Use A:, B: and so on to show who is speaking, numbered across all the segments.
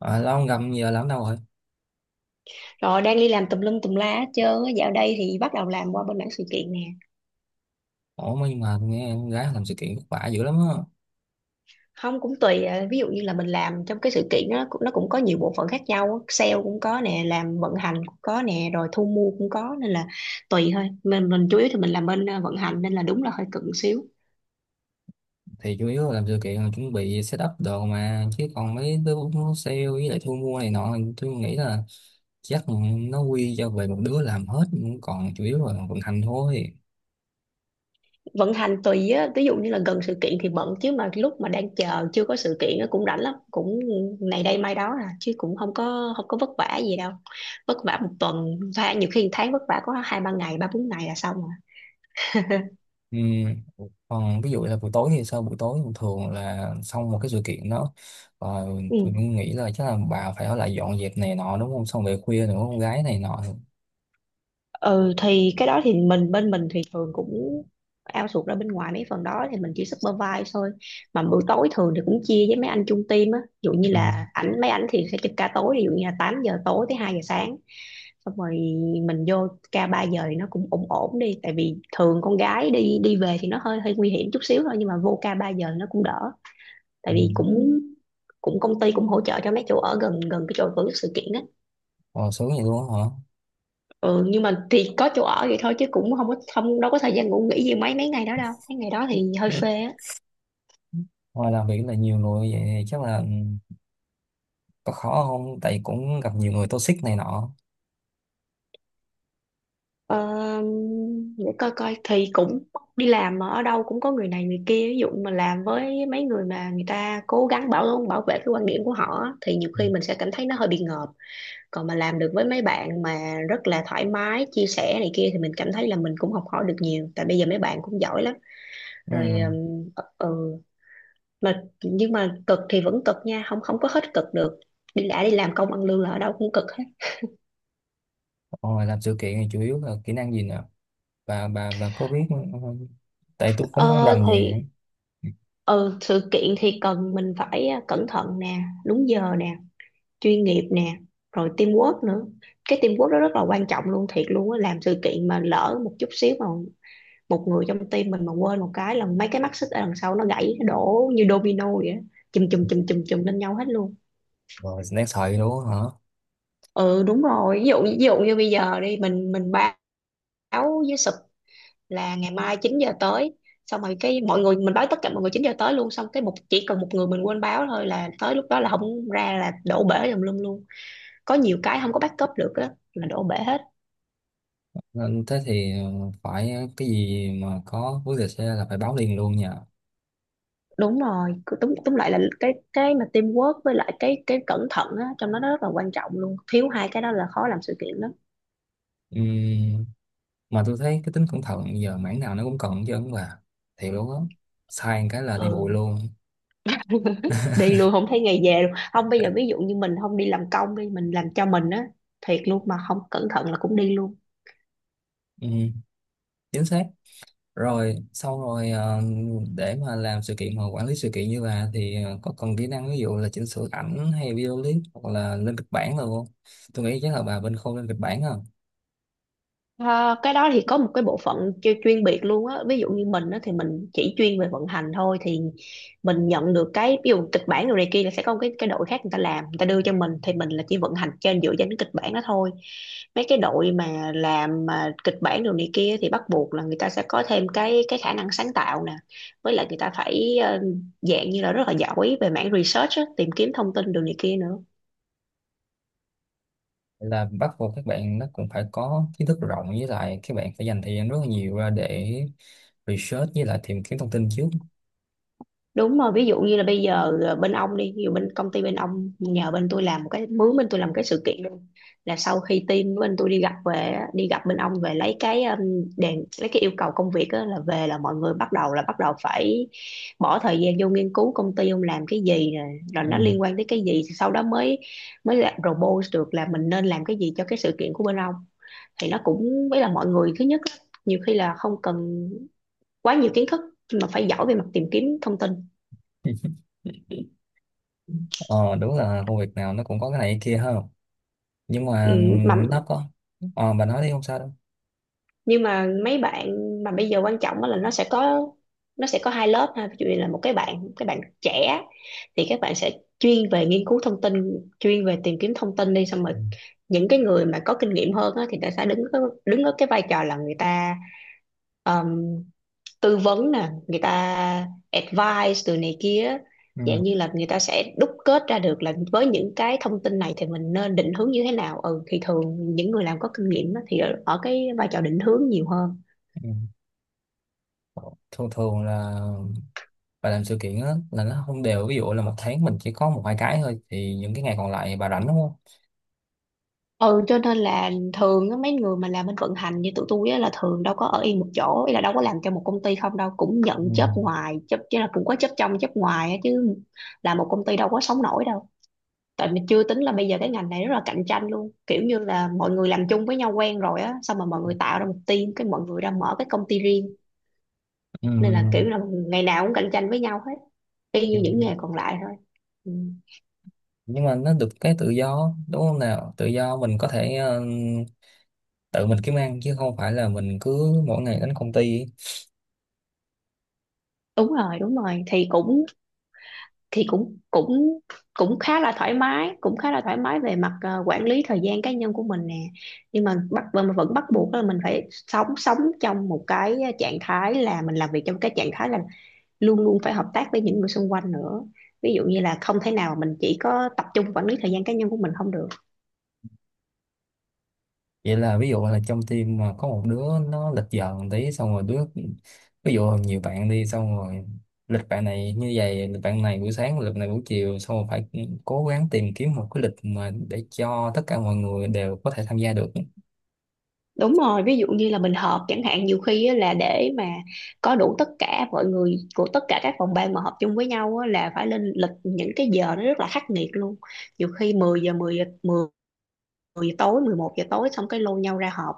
A: À, lâu không gặp giờ làm đâu rồi.
B: Rồi đang đi làm tùm lum tùm la hết trơn á. Dạo đây thì bắt đầu làm qua bên mảng sự kiện nè.
A: Ủa mà nhưng mà tôi nghe con gái làm sự kiện vất vả dữ lắm á.
B: Không cũng tùy à, ví dụ như là mình làm trong cái sự kiện đó nó cũng có nhiều bộ phận khác nhau á. Sale cũng có nè, làm vận hành cũng có nè, rồi thu mua cũng có nên là tùy thôi. Mình chủ yếu thì mình làm bên vận hành nên là đúng là hơi cận xíu.
A: Thì chủ yếu là làm sự kiện là chuẩn bị setup đồ mà, chứ còn mấy đứa nó sale với lại thu mua này nọ tôi nghĩ là chắc nó quy cho về một đứa làm hết, còn chủ yếu là vận hành thôi.
B: Vận hành tùy á, ví dụ như là gần sự kiện thì bận, chứ mà lúc mà đang chờ chưa có sự kiện á cũng rảnh lắm, cũng này đây mai đó à, chứ cũng không có vất vả gì đâu. Vất vả một tuần, và nhiều khi một tháng vất vả có hai ba ngày, ba bốn ngày là xong rồi.
A: Ừ. Còn ví dụ là buổi tối thì sao, buổi tối thường thường là xong một cái sự kiện đó rồi tôi
B: Ừ.
A: cũng nghĩ là chắc là bà phải ở lại dọn dẹp này nọ đúng không, xong về khuya nữa con gái này nọ.
B: Ừ thì cái đó thì bên mình thì thường cũng outsource ra bên ngoài mấy phần đó, thì mình chỉ supervise thôi. Mà bữa tối thường thì cũng chia với mấy anh chung team á, ví dụ như
A: Ừ.
B: là mấy ảnh thì sẽ trực ca tối, ví dụ như là 8 giờ tối tới 2 giờ sáng, xong rồi mình vô ca 3 giờ thì nó cũng ổn ổn đi. Tại vì thường con gái đi đi về thì nó hơi hơi nguy hiểm chút xíu thôi, nhưng mà vô ca 3 giờ nó cũng đỡ,
A: Ừ.
B: tại vì cũng cũng công ty cũng hỗ trợ cho mấy chỗ ở gần gần cái chỗ tổ chức sự kiện á.
A: Ồ, sướng vậy luôn á.
B: Ừ, nhưng mà thì có chỗ ở vậy thôi, chứ cũng không có không đâu có thời gian ngủ nghỉ gì mấy mấy ngày đó đâu, mấy ngày đó thì hơi
A: Hả?
B: phê á.
A: Ngoài làm việc là nhiều người vậy thì chắc là, có khó không, tại cũng gặp nhiều người toxic này nọ.
B: Ờ, để coi coi thì cũng đi làm mà ở đâu cũng có người này người kia, ví dụ mà làm với mấy người mà người ta cố gắng bảo bảo vệ cái quan điểm của họ á, thì nhiều
A: Ừ.
B: khi mình sẽ cảm thấy nó hơi bị ngợp. Còn mà làm được với mấy bạn mà rất là thoải mái chia sẻ này kia, thì mình cảm thấy là mình cũng học hỏi được nhiều, tại bây giờ mấy bạn cũng giỏi lắm
A: Ừ.
B: rồi. Ừ, mà nhưng mà cực thì vẫn cực nha, không không có hết cực được. Đi đã đi làm công ăn lương là ở đâu cũng cực hết.
A: Rồi làm sự kiện thì chủ yếu là kỹ năng gì nè, bà có biết, ừ, tại tôi cũng không
B: Ờ,
A: rành gì.
B: thì ừ, sự kiện thì cần mình phải cẩn thận nè, đúng giờ nè, chuyên nghiệp nè, rồi teamwork nữa. Cái teamwork đó rất là quan trọng luôn, thiệt luôn á. Làm sự kiện mà lỡ một chút xíu mà một người trong team mình mà quên một cái là mấy cái mắt xích ở đằng sau nó gãy, nó đổ như domino vậy á, chùm chùm chùm chùm chùm lên nhau hết luôn.
A: Rồi đáng sợ vậy đúng không hả.
B: Ừ đúng rồi, ví dụ như bây giờ đi mình báo với sụp là ngày mai 9 giờ tới, xong rồi cái mọi người mình báo tất cả mọi người 9 giờ tới luôn, xong cái chỉ cần một người mình quên báo thôi là tới lúc đó là không ra, là đổ bể tùm lum luôn. Có nhiều cái không có backup được á là đổ bể hết.
A: Nên thế thì phải cái gì mà có vấn đề xe là phải báo liền luôn nha.
B: Đúng rồi, cứ túm túm lại là cái mà teamwork với lại cái cẩn thận á, trong đó nó rất là quan trọng luôn, thiếu 2 cái đó là khó làm sự kiện lắm.
A: Ừm, mà tôi thấy cái tính cẩn thận giờ mảng nào nó cũng cần chứ bà, thiệt luôn á, sai một cái là đi bụi
B: Ừ
A: luôn.
B: đi luôn không thấy ngày về luôn. Không, bây giờ ví dụ như mình không đi làm công, đi mình làm cho mình á, thiệt luôn mà không cẩn thận là cũng đi luôn.
A: Ừm. Chính xác. Rồi xong rồi để mà làm sự kiện hoặc quản lý sự kiện như bà thì có cần kỹ năng ví dụ là chỉnh sửa ảnh hay video clip hoặc là lên kịch bản rồi không, tôi nghĩ chắc là bà bên khâu lên kịch bản không.
B: Ờ, cái đó thì có một cái bộ phận chuyên biệt luôn á. Ví dụ như mình á thì mình chỉ chuyên về vận hành thôi, thì mình nhận được cái ví dụ kịch bản rồi này kia là sẽ có một cái đội khác người ta làm, người ta đưa cho mình, thì mình là chỉ vận hành trên dựa trên cái kịch bản đó thôi. Mấy cái đội mà làm mà kịch bản rồi này kia thì bắt buộc là người ta sẽ có thêm cái khả năng sáng tạo nè, với lại người ta phải dạng như là rất là giỏi về mảng research á, tìm kiếm thông tin đồ này kia nữa.
A: Là bắt buộc các bạn nó cũng phải có kiến thức rộng, với lại các bạn phải dành thời gian rất là nhiều ra để research với lại tìm kiếm thông tin trước.
B: Đúng rồi, ví dụ như là bây giờ bên ông đi, ví dụ bên công ty bên ông nhờ bên tôi làm một cái, mướn bên tôi làm một cái sự kiện luôn, là sau khi team bên tôi đi gặp về á, đi gặp bên ông về lấy cái đèn, lấy cái yêu cầu công việc á, là về là mọi người bắt đầu là bắt đầu phải bỏ thời gian vô nghiên cứu công ty ông làm cái gì rồi, rồi nó
A: Ừ.
B: liên quan tới cái gì, sau đó mới mới lại propose được là mình nên làm cái gì cho cái sự kiện của bên ông. Thì nó cũng với là mọi người thứ nhất á, nhiều khi là không cần quá nhiều kiến thức, nhưng mà phải giỏi về mặt tìm kiếm thông tin.
A: Ờ đúng là công việc nào nó cũng có cái này cái kia ha, nhưng
B: Ừ,
A: mà
B: mà
A: nó có, ờ bà nói đi không sao đâu.
B: nhưng mà mấy bạn mà bây giờ quan trọng á là nó sẽ có 2 lớp ha. Ví dụ như là một cái bạn, cái bạn trẻ, thì các bạn sẽ chuyên về nghiên cứu thông tin, chuyên về tìm kiếm thông tin đi, xong
A: Ừ.
B: rồi những cái người mà có kinh nghiệm hơn á, thì người ta sẽ đứng ở cái vai trò là người ta tư vấn nè, người ta advice từ này kia,
A: Ừ.
B: dạng như là người ta sẽ đúc kết ra được là với những cái thông tin này thì mình nên định hướng như thế nào. Ừ thì thường những người làm có kinh nghiệm á, thì ở cái vai trò định hướng nhiều hơn.
A: Ừ. Thường thường là bà làm sự kiện á là nó không đều, ví dụ là một tháng mình chỉ có một hai cái thôi thì những cái ngày còn lại bà rảnh đúng không.
B: Ừ cho nên là thường á, mấy người mà làm bên vận hành như tụi tôi á, là thường đâu có ở yên một chỗ, ý là đâu có làm cho một công ty không đâu, cũng nhận job
A: Ừ.
B: ngoài job chứ, là cũng có job trong job ngoài á, chứ là một công ty đâu có sống nổi đâu. Tại mình chưa tính là bây giờ cái ngành này rất là cạnh tranh luôn, kiểu như là mọi người làm chung với nhau quen rồi á, xong mà mọi người tạo ra một team cái mọi người ra mở cái công ty riêng, nên là kiểu
A: Ừ.
B: là ngày nào cũng cạnh tranh với nhau hết, y
A: Ừ.
B: như những nghề còn lại thôi. Ừ.
A: Nhưng mà nó được cái tự do đúng không nào, tự do mình có thể tự mình kiếm ăn chứ không phải là mình cứ mỗi ngày đến công ty.
B: Đúng rồi, đúng rồi thì cũng cũng cũng khá là thoải mái, cũng khá là thoải mái về mặt quản lý thời gian cá nhân của mình nè. Nhưng mà bắt mà vẫn bắt buộc là mình phải sống sống trong một cái trạng thái là mình làm việc trong cái trạng thái là luôn luôn phải hợp tác với những người xung quanh nữa. Ví dụ như là không thể nào mình chỉ có tập trung quản lý thời gian cá nhân của mình không được.
A: Vậy là ví dụ là trong team mà có một đứa nó lịch giờ một tí xong rồi đứa, ví dụ nhiều bạn đi xong rồi lịch bạn này như vậy, lịch bạn này buổi sáng, lịch này buổi chiều, xong rồi phải cố gắng tìm kiếm một cái lịch mà để cho tất cả mọi người đều có thể tham gia được.
B: Đúng rồi, ví dụ như là mình họp chẳng hạn, nhiều khi á, là để mà có đủ tất cả mọi người của tất cả các phòng ban mà họp chung với nhau á, là phải lên lịch những cái giờ nó rất là khắc nghiệt luôn. Nhiều khi 10 giờ tối, 11 giờ tối, xong cái lôi nhau ra họp.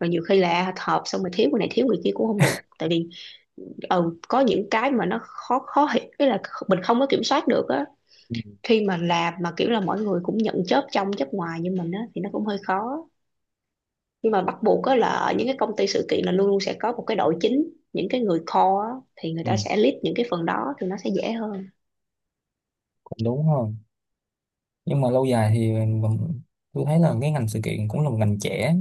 B: Rồi nhiều khi là họp xong rồi thiếu người này thiếu người kia cũng không được, tại vì ừ, có những cái mà nó khó khó hiểu cái là mình không có kiểm soát được á.
A: Ừ.
B: Khi mà làm mà kiểu là mọi người cũng nhận chớp trong chớp ngoài như mình á, thì nó cũng hơi khó. Nhưng mà bắt buộc á là ở những cái công ty sự kiện là luôn luôn sẽ có một cái đội chính, những cái người core á, thì người
A: Ừ,
B: ta sẽ lead những cái phần đó, thì nó sẽ dễ hơn.
A: cũng đúng ha, nhưng mà lâu dài thì mình- tôi thấy là cái ngành sự kiện cũng là một ngành trẻ,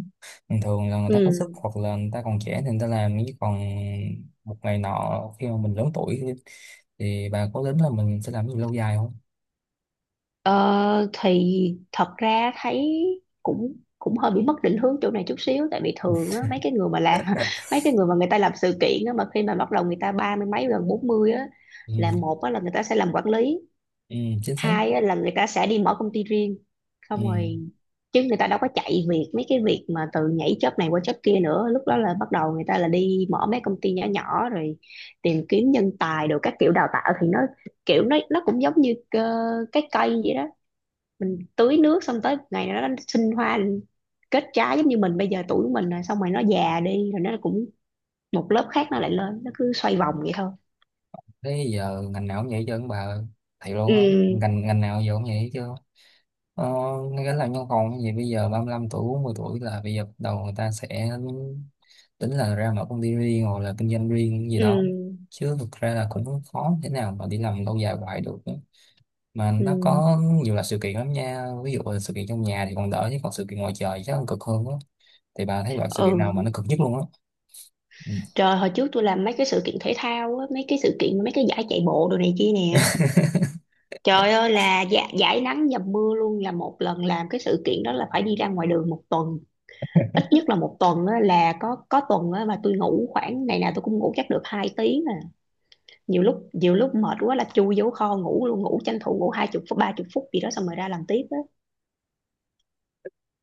A: bình thường là người ta có sức
B: Ừ.
A: hoặc là người ta còn trẻ thì người ta làm, chứ còn một ngày nọ khi mà mình lớn tuổi thì bà có tính là mình sẽ làm gì lâu dài không.
B: ờ, thì thật ra thấy cũng cũng hơi bị mất định hướng chỗ này chút xíu, tại vì thường á, mấy cái người mà làm mấy cái người mà người ta làm sự kiện á, mà khi mà bắt đầu người ta ba mươi mấy gần 40 á,
A: Ừ,
B: là một á, là người ta sẽ làm quản lý.
A: ừ chính xác.
B: Hai á, là người ta sẽ đi mở công ty riêng xong
A: Ừ
B: rồi, chứ người ta đâu có chạy việc mấy cái việc mà từ nhảy job này qua job kia nữa. Lúc đó là bắt đầu người ta là đi mở mấy công ty nhỏ nhỏ rồi tìm kiếm nhân tài, được các kiểu đào tạo thì nó kiểu nó cũng giống như cái cây vậy đó. Mình tưới nước xong tới ngày nào đó nó sinh hoa kết trái, giống như mình bây giờ tuổi của mình rồi, xong rồi nó già đi rồi nó cũng một lớp khác nó lại lên, nó cứ xoay vòng vậy thôi.
A: thế giờ ngành nào cũng vậy chứ bà, thầy luôn không,
B: Ừ,
A: ngành ngành nào giờ cũng vậy chứ. Ờ, ngay cả làm văn phòng thì bây giờ 35 tuổi 40 tuổi là bây giờ bắt đầu người ta sẽ tính là ra mở công ty riêng hoặc là kinh doanh riêng gì đó,
B: ừ,
A: chứ thực ra là cũng khó thế nào mà đi làm lâu dài hoài được, mà
B: ừ,
A: nó có nhiều là sự kiện lắm nha, ví dụ là sự kiện trong nhà thì còn đỡ chứ còn sự kiện ngoài trời chắc còn cực hơn á, thì bà thấy loại sự kiện nào mà
B: ừ,
A: nó cực nhất luôn á. Ừ.
B: trời, hồi trước tôi làm mấy cái sự kiện thể thao á, mấy cái sự kiện mấy cái giải chạy bộ đồ này kia nè. Trời ơi là dạ, giải nắng dầm mưa luôn, là một lần làm cái sự kiện đó là phải đi ra ngoài đường một tuần, ít nhất là một tuần á, là có tuần á, mà tôi ngủ khoảng, ngày nào tôi cũng ngủ chắc được 2 tiếng à. Nhiều lúc mệt quá là chui vô kho ngủ luôn, ngủ tranh thủ ngủ 20 phút 30 phút gì đó xong rồi ra làm tiếp á.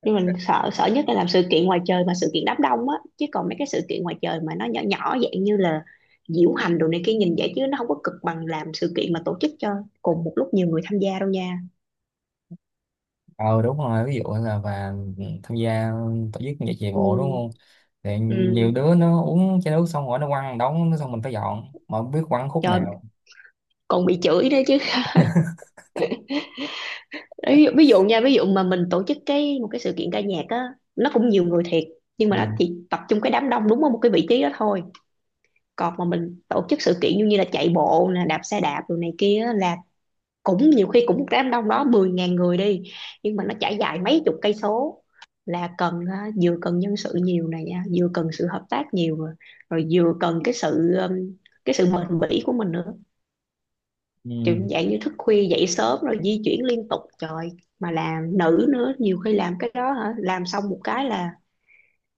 B: Nhưng mình sợ sợ nhất là làm sự kiện ngoài trời mà sự kiện đám đông á, chứ còn mấy cái sự kiện ngoài trời mà nó nhỏ nhỏ dạng như là diễu hành đồ này kia, nhìn vậy chứ nó không có cực bằng làm sự kiện mà tổ chức cho cùng một lúc nhiều người tham gia đâu nha.
A: Ờ đúng rồi, ví dụ là và tham gia tổ chức giải chạy bộ đúng
B: Ừ,
A: không, thì
B: ừ.
A: nhiều đứa nó uống chai nước xong rồi nó quăng đống, xong mình phải dọn mà không biết quăng khúc
B: Trời,
A: nào.
B: còn bị chửi nữa chứ. Ví dụ, ví dụ nha, ví dụ mà mình tổ chức cái một cái sự kiện ca nhạc á, nó cũng nhiều người thiệt nhưng
A: Ừ.
B: mà nó chỉ tập trung cái đám đông đúng ở một cái vị trí đó thôi. Còn mà mình tổ chức sự kiện như như là chạy bộ nè, đạp xe đạp rồi này kia á, là cũng nhiều khi cũng một đám đông đó 10 ngàn người đi, nhưng mà nó trải dài mấy chục cây số, là cần vừa cần nhân sự nhiều này nha, vừa cần sự hợp tác nhiều rồi, rồi vừa cần cái sự bền bỉ của mình nữa. Kiểu
A: Ừ.
B: dạng như thức khuya dậy sớm rồi di chuyển liên tục, trời, mà làm nữa nhiều khi làm cái đó hả, làm xong một cái là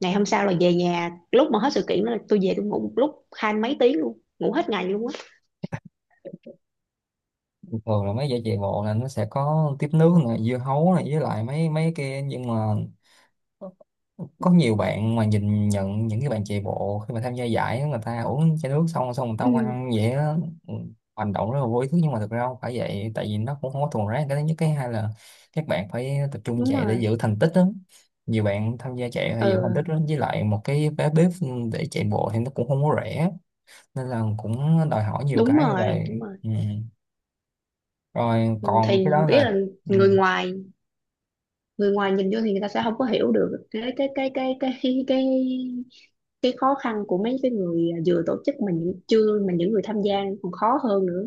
B: ngày hôm sau là về nhà. Lúc mà hết sự kiện đó là tôi về tôi ngủ một lúc 20 mấy tiếng luôn, ngủ hết ngày luôn á.
A: Thường là mấy giải chạy bộ là nó sẽ có tiếp nước này, dưa hấu này, với lại mấy mấy kia, nhưng mà có nhiều bạn mà nhìn nhận những cái bạn chạy bộ, khi mà tham gia giải á, người ta uống chai nước xong xong người ta
B: Ừ,
A: quăng vậy á. Ừ, hành động rất là vô ý thức nhưng mà thực ra không phải vậy, tại vì nó cũng không có thuần rác, cái thứ nhất, cái hai là các bạn phải tập trung
B: đúng
A: chạy để
B: rồi.
A: giữ thành tích đó. Nhiều bạn tham gia chạy phải giữ thành
B: Ừ,
A: tích đó, với lại một cái vé bếp để chạy bộ thì nó cũng không có rẻ, nên là cũng đòi hỏi nhiều
B: đúng
A: cái như
B: rồi,
A: vậy.
B: đúng rồi.
A: Ừ. Rồi
B: Ừ,
A: còn cái
B: thì
A: đó
B: biết
A: là.
B: là
A: Ừ.
B: người ngoài, người ngoài nhìn vô thì người ta sẽ không có hiểu được cái khó khăn của mấy cái người vừa tổ chức, mà những chưa mà những người tham gia còn khó hơn nữa.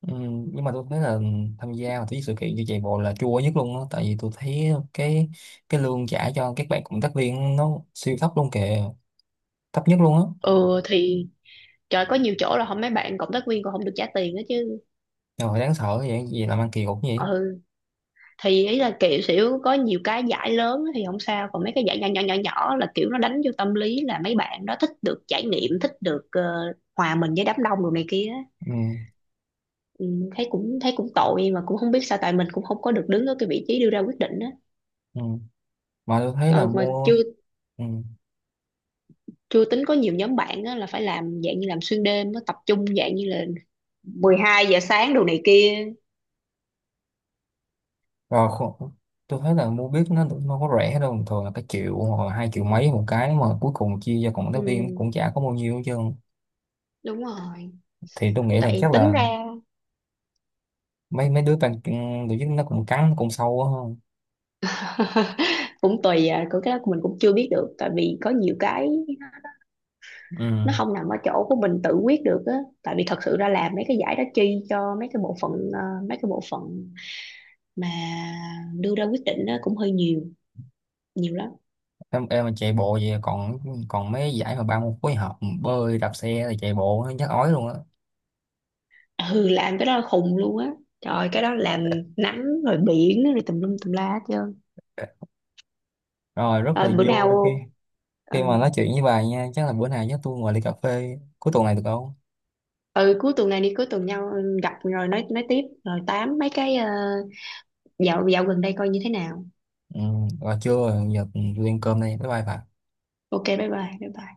A: Ừ, nhưng mà tôi thấy là tham gia vào cái sự kiện như chạy bộ là chua nhất luôn á, tại vì tôi thấy cái lương trả cho các bạn cộng tác viên nó siêu thấp luôn kìa, thấp nhất luôn á.
B: Ừ thì trời, có nhiều chỗ là không, mấy bạn cộng tác viên còn không được trả tiền đó chứ.
A: Rồi đáng sợ vậy, gì làm ăn kỳ cục như vậy.
B: Ừ thì ý là kiểu xỉu, có nhiều cái giải lớn thì không sao, còn mấy cái giải nhỏ nhỏ là kiểu nó đánh vô tâm lý là mấy bạn đó thích được trải nghiệm, thích được hòa mình với đám đông đồ này kia á.
A: Ừ.
B: Ừ, thấy cũng tội mà cũng không biết sao, tại mình cũng không có được đứng ở cái vị trí đưa ra quyết định á.
A: Ừ. Mà tôi thấy là
B: Ờ, mà chưa
A: mua. Ừ.
B: chưa tính có nhiều nhóm bạn á, là phải làm dạng như làm xuyên đêm á, tập trung dạng như là 12 giờ sáng đồ này kia.
A: Rồi khu- tôi thấy là mua biết nó cũng không có rẻ đâu, thường là cái triệu hoặc là hai
B: Ừ,
A: triệu mấy một cái, mà cuối cùng chia cho cộng tác viên
B: ừ,
A: cũng chả có bao nhiêu hết trơn,
B: đúng rồi.
A: thì tôi nghĩ là
B: Tại
A: chắc
B: tính
A: là
B: ra
A: mấy mấy đứa ban tổ chức nó cũng cắn cũng sâu á.
B: cũng tùy à, của cái đó mình cũng chưa biết được, tại vì có nhiều cái
A: Ừ.
B: nó không nằm ở chỗ của mình tự quyết được á. Tại vì thật sự ra làm mấy cái giải đó chi cho mấy cái bộ phận mấy cái bộ phận mà đưa ra quyết định á cũng hơi nhiều, nhiều lắm.
A: em mà chạy bộ vậy còn, còn mấy giải mà ba môn phối hợp bơi đạp xe rồi chạy bộ nó chắc ói luôn á.
B: Ừ, làm cái đó là khùng luôn á, trời ơi, cái đó làm nắng rồi biển rồi tùm lum tùm la hết trơn.
A: Rồi rất là
B: Ờ, bữa nào,
A: vui khi,
B: ừ,
A: khi mà nói chuyện với bà nha, chắc là bữa nào chắc tôi ngồi ly cà phê cuối tuần này được không.
B: ừ, cuối tuần này đi, cuối tuần nhau, ừ, gặp rồi nói tiếp, rồi tám mấy cái dạo dạo gần đây coi như thế nào.
A: Ừ, rồi chưa, giờ tôi ăn cơm đây, bye bye bà.
B: Ok, bye bye, bye bye.